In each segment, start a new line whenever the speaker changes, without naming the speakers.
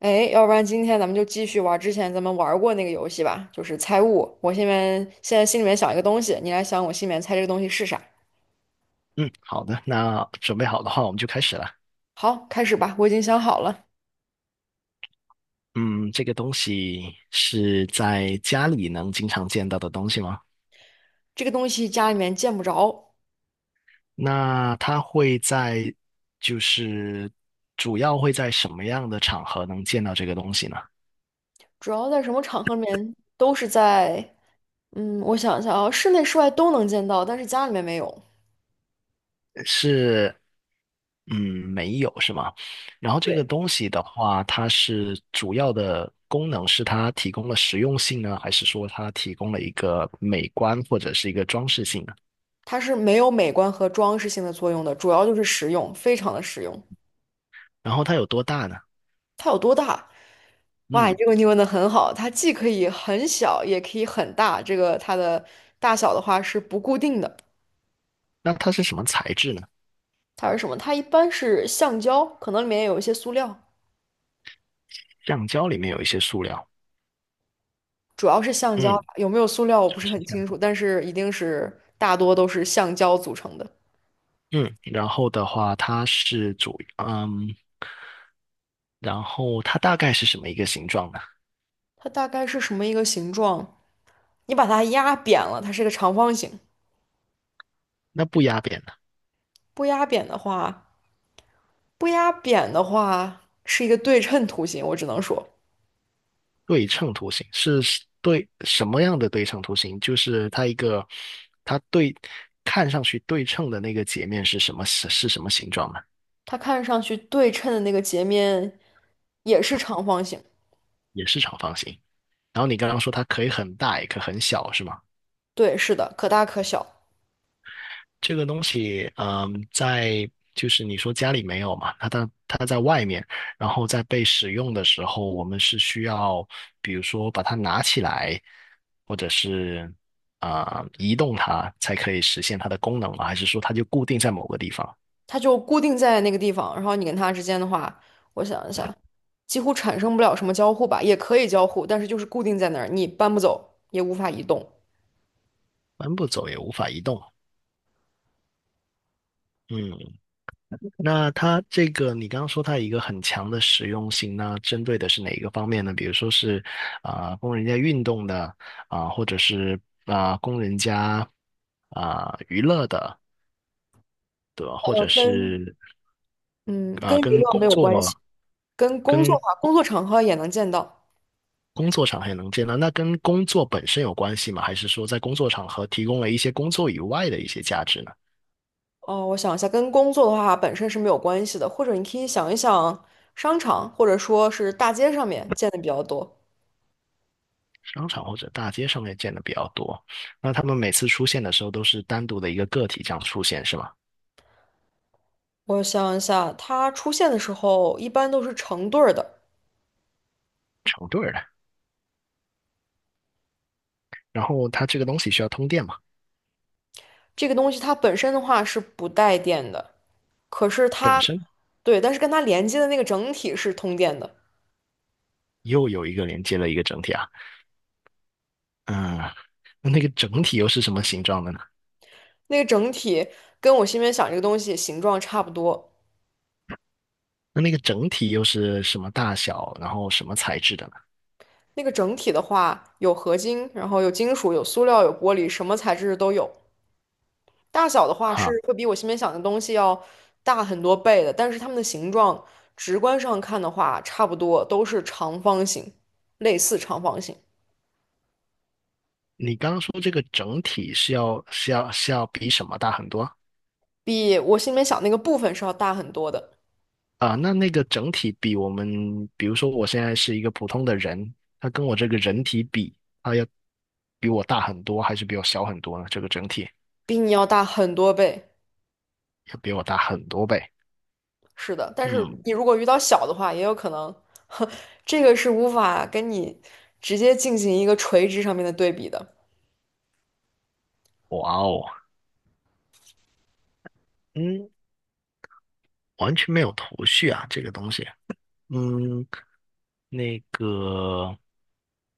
哎，要不然今天咱们就继续玩之前咱们玩过那个游戏吧，就是猜物。我现在心里面想一个东西，你来想我心里面猜这个东西是啥。
嗯，好的，那准备好的话，我们就开始了。
好，开始吧，我已经想好了，
嗯，这个东西是在家里能经常见到的东西吗？
这个东西家里面见不着，
那它会在，就是主要会在什么样的场合能见到这个东西呢？
主要在什么场合里面都是在，我想一下啊，室内室外都能见到，但是家里面没有。
是，嗯，没有是吗？然后这个
对，
东西的话，它是主要的功能是它提供了实用性呢，还是说它提供了一个美观或者是一个装饰性呢？
它是没有美观和装饰性的作用的，主要就是实用，非常的实用。
然后它有多大呢？
它有多大？哇，
嗯，
这个问题问的很好，它既可以很小，也可以很大。这个它的大小的话是不固定的。
那它是什么材质呢？
它是什么？它一般是橡胶，可能里面有一些塑料，
橡胶里面有一些塑料，
主要是橡胶，
嗯，
有没有塑料我不是
是
很
这样，
清楚，但是一定是大多都是橡胶组成的。
嗯，然后的话，它是主，嗯，然后它大概是什么一个形状呢？
它大概是什么一个形状？你把它压扁了，它是个长方形；
那不压扁的
不压扁的话，不压扁的话是一个对称图形。我只能说，
对称图形是对什么样的对称图形？就是它一个，它对看上去对称的那个截面是什么是什么形状呢？
它看上去对称的那个截面也是长方形。
也是长方形。然后你刚刚说它可以很大，也可以很小，是吗？
对，是的，可大可小，
这个东西，在就是你说家里没有嘛，它在外面，然后在被使用的时候，我们是需要，比如说把它拿起来，或者是移动它，才可以实现它的功能吗？还是说它就固定在某个地方，
它就固定在那个地方。然后你跟它之间的话，我想一下，几乎产生不了什么交互吧，也可以交互，但是就是固定在那儿，你搬不走，也无法移动。
搬不走也无法移动？嗯。那它这个，你刚刚说它有一个很强的实用性，那针对的是哪一个方面呢？比如说是供人家运动的或者是供人家娱乐的，对吧？或
呃，
者
跟
是
嗯跟娱
跟
乐
工
没有
作
关系，跟工作
跟
的话，工作场合也能见到。
工作场合也能见到，那跟工作本身有关系吗？还是说在工作场合提供了一些工作以外的一些价值呢？
哦，我想一下，跟工作的话本身是没有关系的，或者你可以想一想商场或者说是大街上面见的比较多。
商场或者大街上面见的比较多，那他们每次出现的时候都是单独的一个个体这样出现，是吗？
我想一下，它出现的时候一般都是成对儿的。
成对儿的。然后它这个东西需要通电嘛，
这个东西它本身的话是不带电的，可是
本
它，
身
对，但是跟它连接的那个整体是通电的。
又有一个连接了一个整体啊，嗯，那那个整体又是什么形状的呢？
那个整体跟我心里面想这个东西形状差不多。
那那个整体又是什么大小，然后什么材质的呢？
那个整体的话，有合金，然后有金属，有塑料，有玻璃，什么材质都有。大小的话
哈，
是会比我心里面想的东西要大很多倍的，但是它们的形状直观上看的话，差不多都是长方形，类似长方形，
你刚刚说这个整体是要是要是要比什么大很多？
比我心里面想那个部分是要大很多的，
啊？那那个整体比我们，比如说我现在是一个普通的人，他跟我这个人体比，他要比我大很多，还是比我小很多呢？这个整体
比你要大很多倍。
要比我大很多倍。
是的，但是
嗯，
你如果遇到小的话，也有可能，这个是无法跟你直接进行一个垂直上面的对比的。
哇哦，嗯，完全没有头绪啊，这个东西。嗯，那个，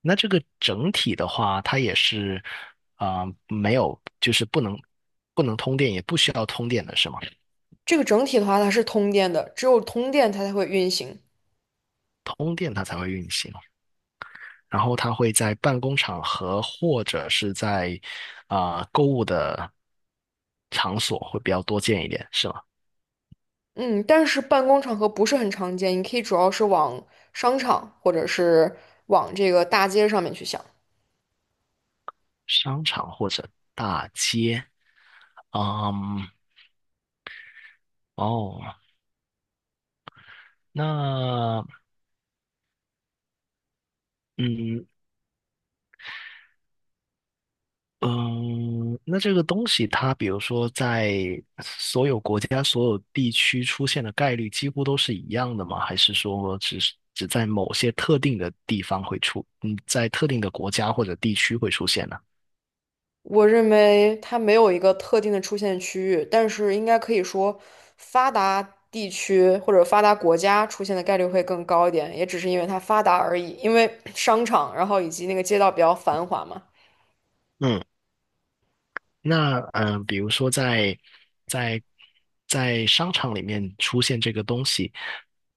那这个整体的话，它也是没有，就是不能通电，也不需要通电的是吗？
这个整体的话，它是通电的，只有通电它才会运行。
通电它才会运行，然后它会在办公场合或者是在购物的场所会比较多见一点，是吗？
嗯，但是办公场合不是很常见，你可以主要是往商场或者是往这个大街上面去想。
商场或者大街，嗯，哦。那嗯，嗯，那这个东西它，比如说在所有国家、所有地区出现的概率几乎都是一样的吗？还是说只是只在某些特定的地方会出，嗯，在特定的国家或者地区会出现呢？
我认为它没有一个特定的出现区域，但是应该可以说，发达地区或者发达国家出现的概率会更高一点，也只是因为它发达而已。因为 商场，然后以及那个街道比较繁华嘛，
嗯，那比如说在在在商场里面出现这个东西，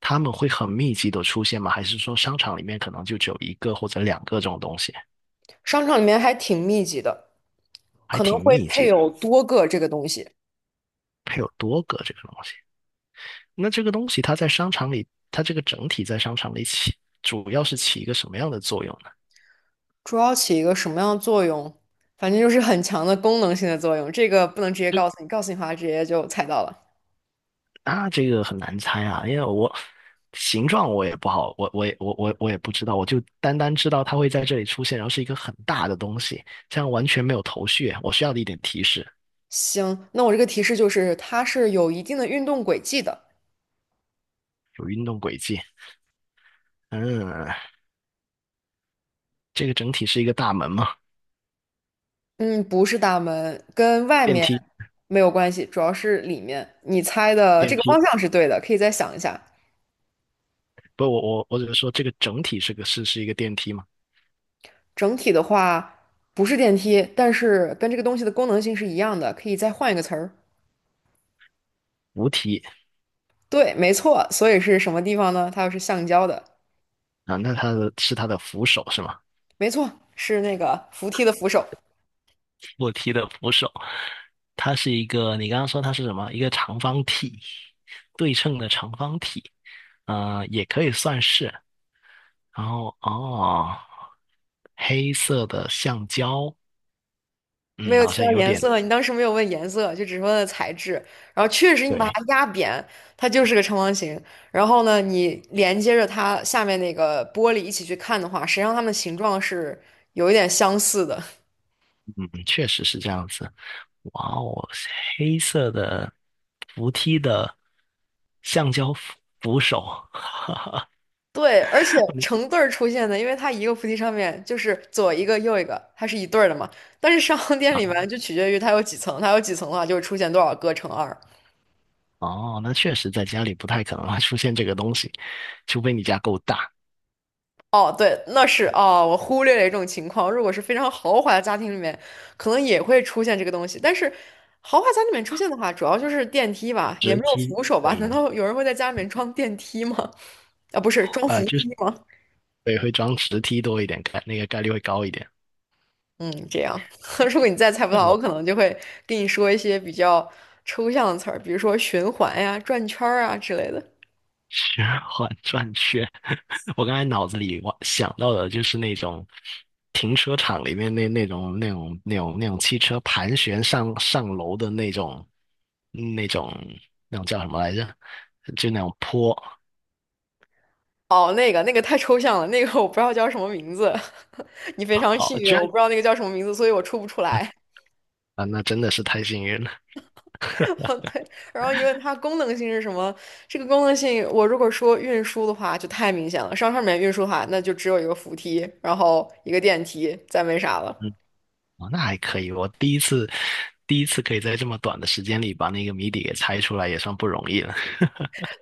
他们会很密集的出现吗？还是说商场里面可能就只有一个或者两个这种东西，
商场里面还挺密集的，
还
可能
挺
会
密
配
集的，
有多个这个东西，
还有多个这个东西？那这个东西它在商场里，它这个整体在商场里起，主要是起一个什么样的作用呢？
主要起一个什么样的作用？反正就是很强的功能性的作用，这个不能直接告诉你，告诉你的话直接就猜到了。
啊，这个很难猜啊，因为我形状我也不好，我也不知道，我就单单知道它会在这里出现，然后是一个很大的东西，这样完全没有头绪啊。我需要的一点提示，
行，那我这个提示就是它是有一定的运动轨迹的。
有运动轨迹。嗯，这个整体是一个大门吗？
嗯，不是大门，跟外
电
面
梯，
没有关系，主要是里面。你猜的这
电
个
梯。
方向是对的，可以再想一下。
不，我只是说这个整体是个是是一个电梯吗？
整体的话不是电梯，但是跟这个东西的功能性是一样的，可以再换一个词儿。
扶梯
对，没错。所以是什么地方呢？它又是橡胶的，
啊，那它的是它的扶手是吗？
没错，是那个扶梯的扶手。
扶梯的扶手，它是一个，你刚刚说它是什么？一个长方体，对称的长方体，也可以算是。然后哦，黑色的橡胶，
没
嗯，
有
好
提
像
到
有
颜
点
色，你当时没有问颜色，就只是问了材质。然后确实你把
对，
它压扁，它就是个长方形。然后呢，你连接着它下面那个玻璃一起去看的话，实际上它们的形状是有一点相似的。
嗯，确实是这样子。哇哦，黑色的扶梯的橡胶扶手
对，而且成对儿出现的，因为它一个菩提上面就是左一个右一个，它是一对儿的嘛。但是商 店
啊，
里面就取决于它有几层，它有几层的话就会出现多少个乘二。
哦，那确实在家里不太可能会出现这个东西，除非你家够大，
哦，对，那是哦，我忽略了一种情况。如果是非常豪华的家庭里面，可能也会出现这个东西。但是，豪华家里面出现的话，主要就是电梯吧，也
直
没有
梯。
扶手吧？难
对，
道有人会在家里面装电梯吗？啊，不是，装扶
呃，就是
梯吗？
对，会装直梯多一点，那个概率会高一点。
嗯，这样。如果你再猜不到，我
哦，
可能就会跟你说一些比较抽象的词儿，比如说循环呀、转圈儿啊之类的。
循环转圈，我刚才脑子里我想到的就是那种停车场里面那种汽车盘旋上楼的那种那种那种叫什么来着？就那种坡
哦，那个太抽象了，那个我不知道叫什么名字。你非常幸
哦，
运，
居然
我不知道那个叫什么名字，所以我出不出来。
啊，那真的是太幸运了。
哦，对，然后你问它功能性是什么？这个功能性，我如果说运输的话，就太明显了。商场里面运输的话，那就只有一个扶梯，然后一个电梯，再没啥
嗯，
了。
哦，那还可以，我第一次可以在这么短的时间里把那个谜底给猜出来，也算不容易了。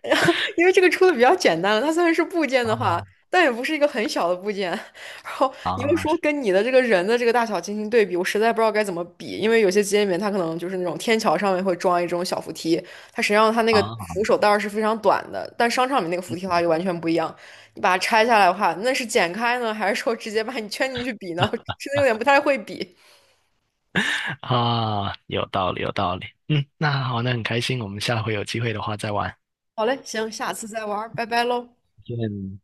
因为这个出的比较简单了，它虽然是部件的话，
哦，
但也不是一个很小的部件。然后你又
啊
说跟你的这个人的这个大小进行对比，我实在不知道该怎么比，因为有些机械里面它可能就是那种天桥上面会装一种小扶梯，它实际上它那个
啊，
扶手带儿是非常短的，但商场里面那个扶梯的话
嗯
就完全不一样。你把它拆下来的话，那是剪开呢，还是说直接把你圈进去比呢？真的有点不太会比。
啊，有道理，有道理。嗯，那好，那很开心，我们下回有机会的话再玩。
好嘞，行，下次再玩儿拜拜喽。
再见。